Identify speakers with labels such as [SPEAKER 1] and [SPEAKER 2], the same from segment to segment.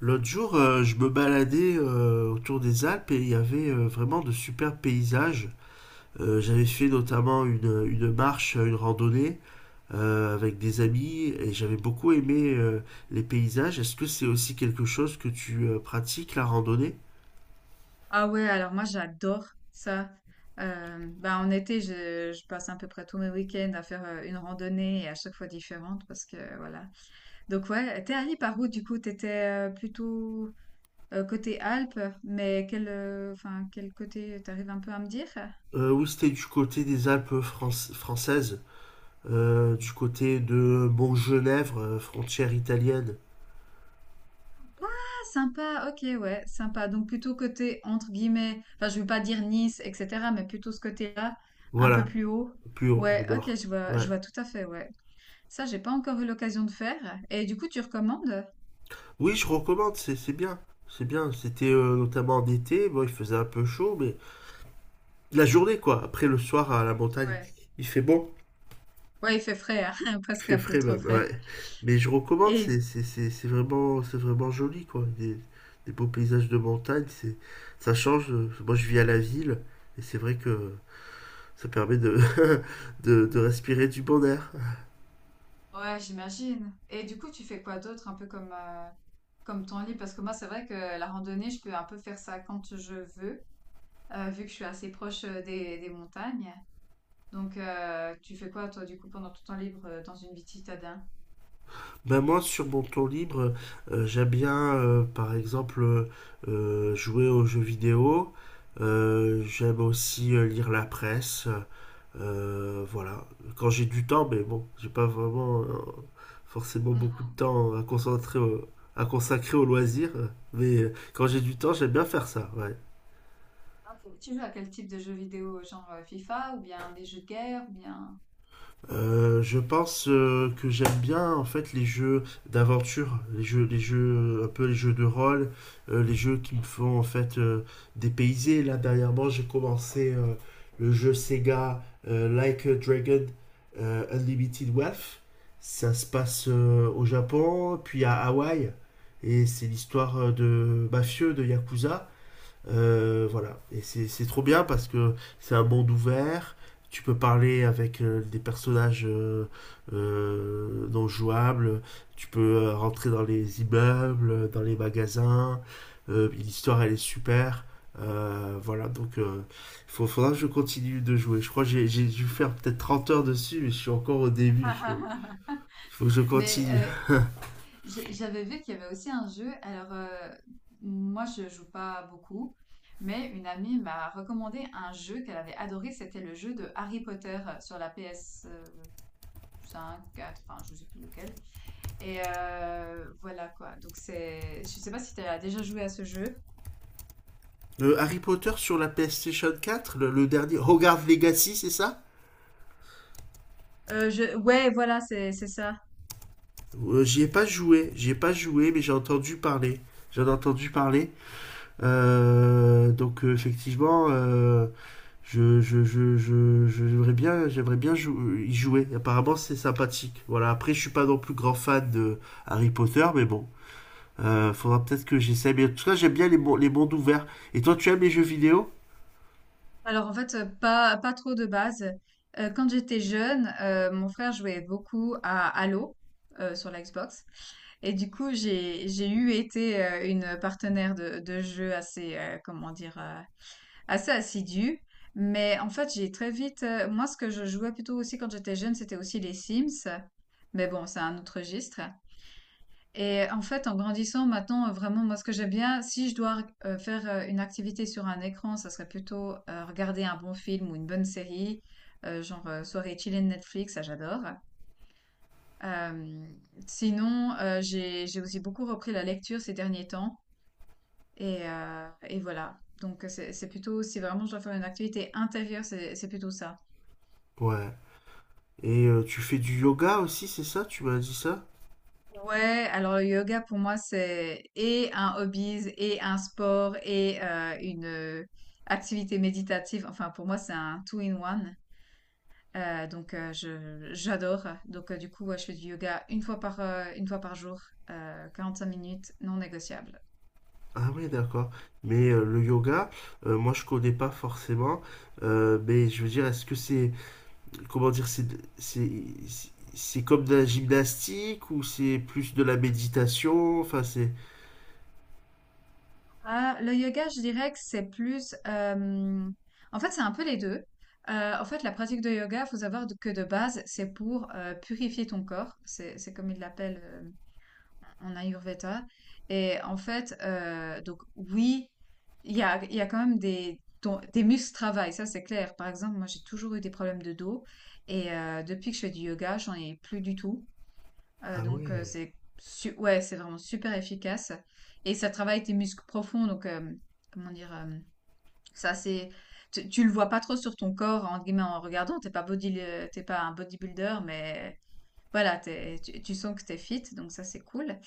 [SPEAKER 1] L'autre jour, je me baladais autour des Alpes et il y avait vraiment de superbes paysages. J'avais fait notamment une marche, une randonnée avec des amis et j'avais beaucoup aimé les paysages. Est-ce que c'est aussi quelque chose que tu pratiques, la randonnée?
[SPEAKER 2] Ah ouais, alors moi j'adore ça. Bah en été, je passe à peu près tous mes week-ends à faire une randonnée et à chaque fois différente parce que voilà. Donc ouais, t'es allé par où du coup? T'étais plutôt côté Alpes, mais enfin quel côté t'arrives un peu à me dire?
[SPEAKER 1] Oui, c'était du côté des Alpes françaises, du côté de Montgenèvre, frontière italienne.
[SPEAKER 2] Ah, sympa, ok, ouais, sympa. Donc plutôt côté entre guillemets, enfin je veux pas dire Nice, etc., mais plutôt ce côté-là, un peu
[SPEAKER 1] Voilà,
[SPEAKER 2] plus haut.
[SPEAKER 1] plus au, au
[SPEAKER 2] Ouais, ok,
[SPEAKER 1] nord. Ouais.
[SPEAKER 2] je vois tout à fait, ouais. Ça, j'ai pas encore eu l'occasion de faire. Et du coup, tu recommandes?
[SPEAKER 1] Oui, je recommande, c'est bien. C'est bien. C'était notamment en été, bon, il faisait un peu chaud, mais la journée, quoi. Après le soir à la montagne,
[SPEAKER 2] Ouais.
[SPEAKER 1] il fait bon,
[SPEAKER 2] Ouais, il fait frais, hein,
[SPEAKER 1] il
[SPEAKER 2] presque
[SPEAKER 1] fait
[SPEAKER 2] un peu
[SPEAKER 1] frais
[SPEAKER 2] trop
[SPEAKER 1] même, ouais.
[SPEAKER 2] frais.
[SPEAKER 1] Mais je recommande, c'est
[SPEAKER 2] Et.
[SPEAKER 1] c'est- c'est- c'est vraiment, c'est vraiment joli, quoi. Des beaux paysages de montagne, c'est, ça change. Moi, je vis à la ville, et c'est vrai que ça permet de, de respirer du bon air.
[SPEAKER 2] Ouais, j'imagine. Et du coup, tu fais quoi d'autre, un peu comme ton lit. Parce que moi, c'est vrai que la randonnée, je peux un peu faire ça quand je veux, vu que je suis assez proche des montagnes. Donc, tu fais quoi, toi, du coup, pendant tout ton temps libre, dans une vie de citadin?
[SPEAKER 1] Ben moi, sur mon temps libre, j'aime bien, par exemple, jouer aux jeux vidéo. J'aime aussi lire la presse. Voilà. Quand j'ai du temps, mais bon, j'ai pas vraiment forcément beaucoup
[SPEAKER 2] Mhm.
[SPEAKER 1] de temps à à consacrer aux loisirs. Mais quand j'ai du temps, j'aime bien faire ça. Ouais.
[SPEAKER 2] Ah, ok. Tu joues à quel type de jeux vidéo? Genre FIFA, ou bien des jeux de guerre, ou bien...
[SPEAKER 1] Je pense que j'aime bien en fait les jeux d'aventure, les jeux un peu les jeux de rôle, les jeux qui me font en fait dépayser. Là dernièrement, j'ai commencé le jeu Sega Like a Dragon Unlimited Wealth. Ça se passe au Japon, puis à Hawaï, et c'est l'histoire de mafieux de yakuza. Voilà. Et c'est trop bien parce que c'est un monde ouvert. Tu peux parler avec des personnages non jouables. Tu peux rentrer dans les immeubles, dans les magasins. L'histoire, elle est super. Voilà, donc faudra que je continue de jouer. Je crois que j'ai dû faire peut-être 30 heures dessus, mais je suis encore au début. Que je continue.
[SPEAKER 2] Mais j'avais vu qu'il y avait aussi un jeu. Alors, moi, je joue pas beaucoup, mais une amie m'a recommandé un jeu qu'elle avait adoré. C'était le jeu de Harry Potter sur la ps cinq. 4, enfin, je sais plus lequel. Et voilà quoi. Je sais pas si tu as déjà joué à ce jeu.
[SPEAKER 1] Harry Potter sur la PlayStation 4, le dernier Hogwarts Legacy, c'est ça?
[SPEAKER 2] Ouais, voilà, c'est ça.
[SPEAKER 1] J'y ai pas joué, mais j'ai entendu parler. J'en ai entendu parler. Donc effectivement, j'aimerais bien y jouer. Apparemment, c'est sympathique. Voilà. Après, je suis pas non plus grand fan de Harry Potter, mais bon, faudra peut-être que j'essaie. Mais en tout cas, j'aime bien les mondes ouverts. Et toi, tu aimes les jeux vidéo?
[SPEAKER 2] Alors en fait, pas trop de base. Quand j'étais jeune, mon frère jouait beaucoup à Halo, sur la Xbox et du coup, j'ai eu été, une partenaire de jeu assez, comment dire? Assez assidue. Mais en fait, j'ai très vite, moi, ce que je jouais plutôt aussi quand j'étais jeune, c'était aussi les Sims. Mais bon, c'est un autre registre. Et en fait, en grandissant maintenant, vraiment, moi, ce que j'aime bien, si je dois faire une activité sur un écran, ça serait plutôt regarder un bon film ou une bonne série, genre soirée chillée de Netflix, ça j'adore. Euh, Sinon, j'ai aussi beaucoup repris la lecture ces derniers temps, et voilà. Donc c'est plutôt si vraiment je dois faire une activité intérieure, c'est plutôt ça.
[SPEAKER 1] Ouais. Et tu fais du yoga aussi, c'est ça? Tu m'as dit ça?
[SPEAKER 2] Ouais, alors le yoga pour moi c'est et un hobby et un sport et une activité méditative. Enfin pour moi c'est un two in one. Donc je j'adore. Donc du coup ouais, je fais du yoga une fois par jour, 45 minutes, non négociable.
[SPEAKER 1] Ah ouais, d'accord. Mais le yoga, moi je connais pas forcément. Mais je veux dire, est-ce que comment dire, c'est, c'est comme de la gymnastique ou c'est plus de la méditation? Enfin, c'est.
[SPEAKER 2] Ah, le yoga, je dirais que c'est plus, en fait, c'est un peu les deux. En fait, la pratique de yoga, faut savoir que de base, c'est pour purifier ton corps. C'est comme ils l'appellent en Ayurveda. Et en fait, donc oui, il y a quand même des muscles travail, ça c'est clair. Par exemple, moi, j'ai toujours eu des problèmes de dos. Et depuis que je fais du yoga, j'en ai plus du tout.
[SPEAKER 1] Ah
[SPEAKER 2] Donc,
[SPEAKER 1] ouais.
[SPEAKER 2] c'est su ouais, c'est vraiment super efficace et ça travaille tes muscles profonds donc comment dire? Ça c'est, tu le vois pas trop sur ton corps entre guillemets en regardant, t'es pas body le tu pas un bodybuilder mais voilà, t'es tu tu sens que t'es fit donc ça c'est cool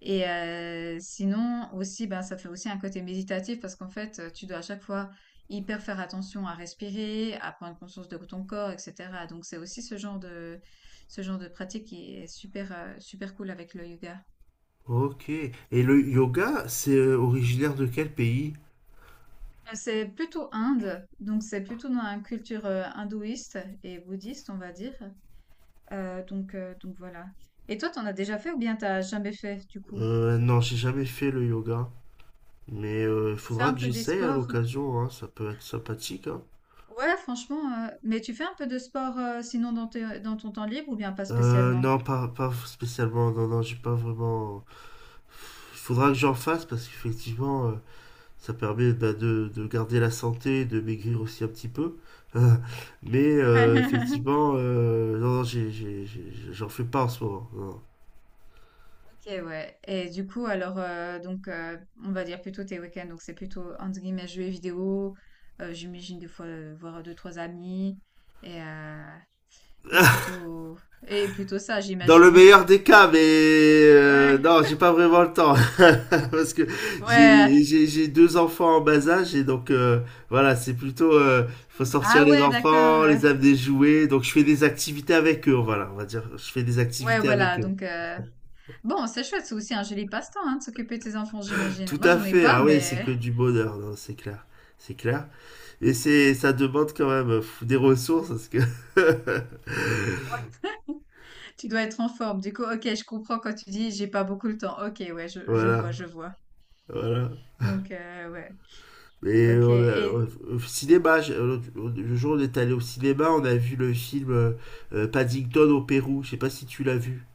[SPEAKER 2] et sinon aussi, ben, ça fait aussi un côté méditatif parce qu'en fait, tu dois à chaque fois hyper faire attention à respirer, à prendre conscience de ton corps et cetera. Donc c'est aussi ce genre de pratique qui est super, super cool avec le yoga.
[SPEAKER 1] Ok. Et le yoga, c'est originaire de quel pays?
[SPEAKER 2] C'est plutôt Inde, donc c'est plutôt dans la culture, hindouiste et bouddhiste, on va dire. Donc voilà. Et toi, t'en as déjà fait ou bien t'as jamais fait, du coup?
[SPEAKER 1] Non, j'ai jamais fait le yoga. Mais il
[SPEAKER 2] Tu fais
[SPEAKER 1] faudra
[SPEAKER 2] un
[SPEAKER 1] que
[SPEAKER 2] peu des
[SPEAKER 1] j'essaye à
[SPEAKER 2] sports?
[SPEAKER 1] l'occasion, hein. Ça peut être sympathique, hein.
[SPEAKER 2] Ouais, franchement, mais tu fais un peu de sport sinon dans ton temps libre ou bien pas spécialement?
[SPEAKER 1] Non, pas, pas spécialement. Non, non, j'ai pas vraiment. Il faudra que j'en fasse parce qu'effectivement, ça permet bah, de garder la santé, de maigrir aussi un petit peu. Mais effectivement, non, non, j'en fais pas en ce moment. Non.
[SPEAKER 2] Ok, ouais. Et du coup, alors, donc, on va dire plutôt tes week-ends. Donc, c'est plutôt, entre guillemets, jeux vidéo. J'imagine des fois voir deux, trois amis. Et, euh, et plutôt, et plutôt ça,
[SPEAKER 1] Dans le
[SPEAKER 2] j'imagine.
[SPEAKER 1] meilleur des cas, mais
[SPEAKER 2] Ouais.
[SPEAKER 1] non, j'ai pas vraiment le temps parce que
[SPEAKER 2] Ouais.
[SPEAKER 1] j'ai deux enfants en bas âge et donc voilà, c'est plutôt faut sortir
[SPEAKER 2] Ah
[SPEAKER 1] les
[SPEAKER 2] ouais, d'accord.
[SPEAKER 1] enfants, les amener jouer, donc je fais des activités avec eux, voilà, on va dire, je fais des
[SPEAKER 2] Ouais,
[SPEAKER 1] activités avec
[SPEAKER 2] voilà.
[SPEAKER 1] eux.
[SPEAKER 2] Donc, bon, c'est chouette. C'est aussi un joli passe-temps, hein, de s'occuper de ses enfants, j'imagine.
[SPEAKER 1] Tout
[SPEAKER 2] Moi,
[SPEAKER 1] à
[SPEAKER 2] j'en ai
[SPEAKER 1] fait.
[SPEAKER 2] pas,
[SPEAKER 1] Ah oui, c'est
[SPEAKER 2] mais.
[SPEAKER 1] que du bonheur, non, c'est clair. C'est clair. Et c'est, ça demande quand même des ressources parce que
[SPEAKER 2] Ouais. Tu dois être en forme. Du coup, ok, je comprends quand tu dis j'ai pas beaucoup le temps. Ok, ouais, je vois,
[SPEAKER 1] voilà,
[SPEAKER 2] je vois.
[SPEAKER 1] voilà.
[SPEAKER 2] Donc, ouais,
[SPEAKER 1] Et
[SPEAKER 2] ok.
[SPEAKER 1] on a, au
[SPEAKER 2] Et
[SPEAKER 1] au cinéma, le jour où on est allé au cinéma, on a vu le film Paddington au Pérou. Je sais pas si tu l'as vu.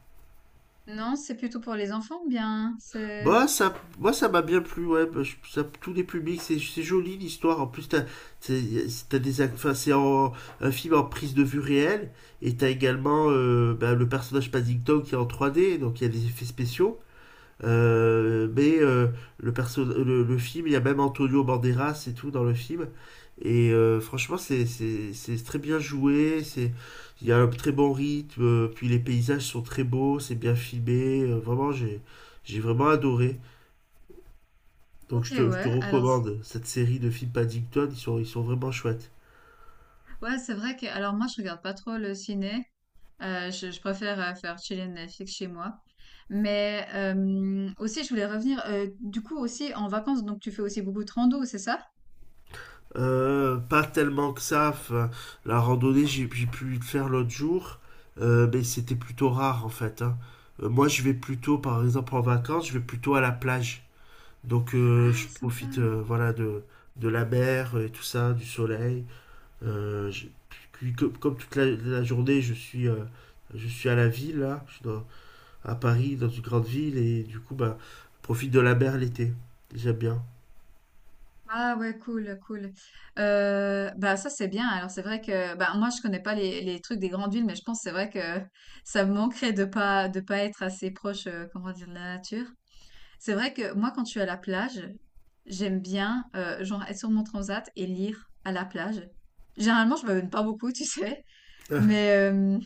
[SPEAKER 2] non, c'est plutôt pour les enfants, ou bien. C'est.
[SPEAKER 1] Bah, ça, moi, ça m'a bien plu, ouais. Bah, tous les publics, c'est joli l'histoire. En plus, t'as- t'as des, ac- enfin, c'est en- un film en prise de vue réelle. Et t'as également bah, le personnage Paddington qui est en 3D, donc il y a des effets spéciaux. Mais le film, il y a même Antonio Banderas et tout dans le film. Et franchement, c'est très bien joué. C'est. Il y a un très bon rythme. Euh, puis les paysages sont très beaux, c'est bien filmé. Euh, vraiment, j'ai. J'ai vraiment adoré. Donc
[SPEAKER 2] Ok,
[SPEAKER 1] je te
[SPEAKER 2] ouais. Alors,
[SPEAKER 1] recommande cette série de films Paddington, ils sont vraiment chouettes.
[SPEAKER 2] ouais, c'est vrai que. Alors, moi, je regarde pas trop le ciné. Je préfère faire chiller Netflix chez moi. Mais aussi, je voulais revenir. Du coup, aussi en vacances, donc tu fais aussi beaucoup de rando, c'est ça?
[SPEAKER 1] Pas tellement que ça, enfin, la randonnée j'ai pu le faire l'autre jour, mais c'était plutôt rare en fait. Hein. Moi je vais plutôt, par exemple en vacances, je vais plutôt à la plage. Donc je
[SPEAKER 2] Ah, sympa.
[SPEAKER 1] profite voilà de la mer et tout ça, du soleil. Euh, je- Puis, comme, comme toute la journée je suis, je suis à la ville là, à Paris, dans une grande ville, et du coup, bah, profite de la mer l'été. J'aime bien.
[SPEAKER 2] Ah ouais, cool, cool. Bah ça c'est bien. Alors c'est vrai que bah moi je connais pas les trucs des grandes villes, mais je pense que c'est vrai que ça me manquerait de pas être assez proche, comment dire, de la nature. C'est vrai que moi quand je suis à la plage, j'aime bien genre être sur mon transat et lire à la plage. Généralement je me donne pas beaucoup, tu sais,
[SPEAKER 1] Ah,
[SPEAKER 2] mais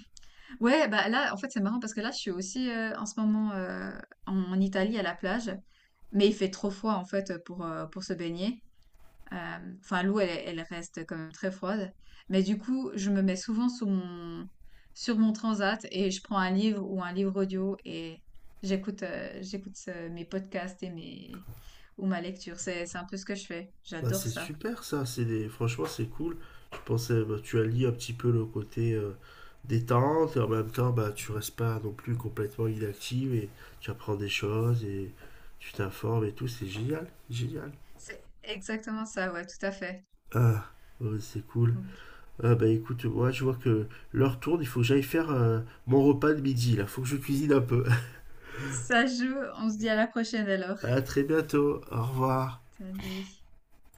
[SPEAKER 2] ouais bah là en fait c'est marrant parce que là je suis aussi en ce moment en Italie à la plage, mais il fait trop froid en fait pour se baigner. Euh, Enfin, l'eau, elle reste quand même très froide. Mais du coup, je me mets souvent sur mon transat et je prends un livre ou un livre audio et j'écoute mes podcasts et ou ma lecture. C'est un peu ce que je fais.
[SPEAKER 1] bah,
[SPEAKER 2] J'adore
[SPEAKER 1] c'est
[SPEAKER 2] ça.
[SPEAKER 1] super ça, c'est des franchement, c'est cool. Je pensais, bah, tu allies un petit peu le côté détente, et en même temps, bah, tu restes pas non plus complètement inactive, et tu apprends des choses, et tu t'informes et tout, c'est génial, génial.
[SPEAKER 2] C'est exactement ça, ouais, tout à fait.
[SPEAKER 1] Ah, ouais, c'est cool.
[SPEAKER 2] Donc,
[SPEAKER 1] Ah, bah écoute, moi, je vois que l'heure tourne, il faut que j'aille faire mon repas de midi, là, faut que je cuisine un peu.
[SPEAKER 2] ça joue. On se dit à la prochaine alors.
[SPEAKER 1] À très bientôt, au revoir.
[SPEAKER 2] Salut.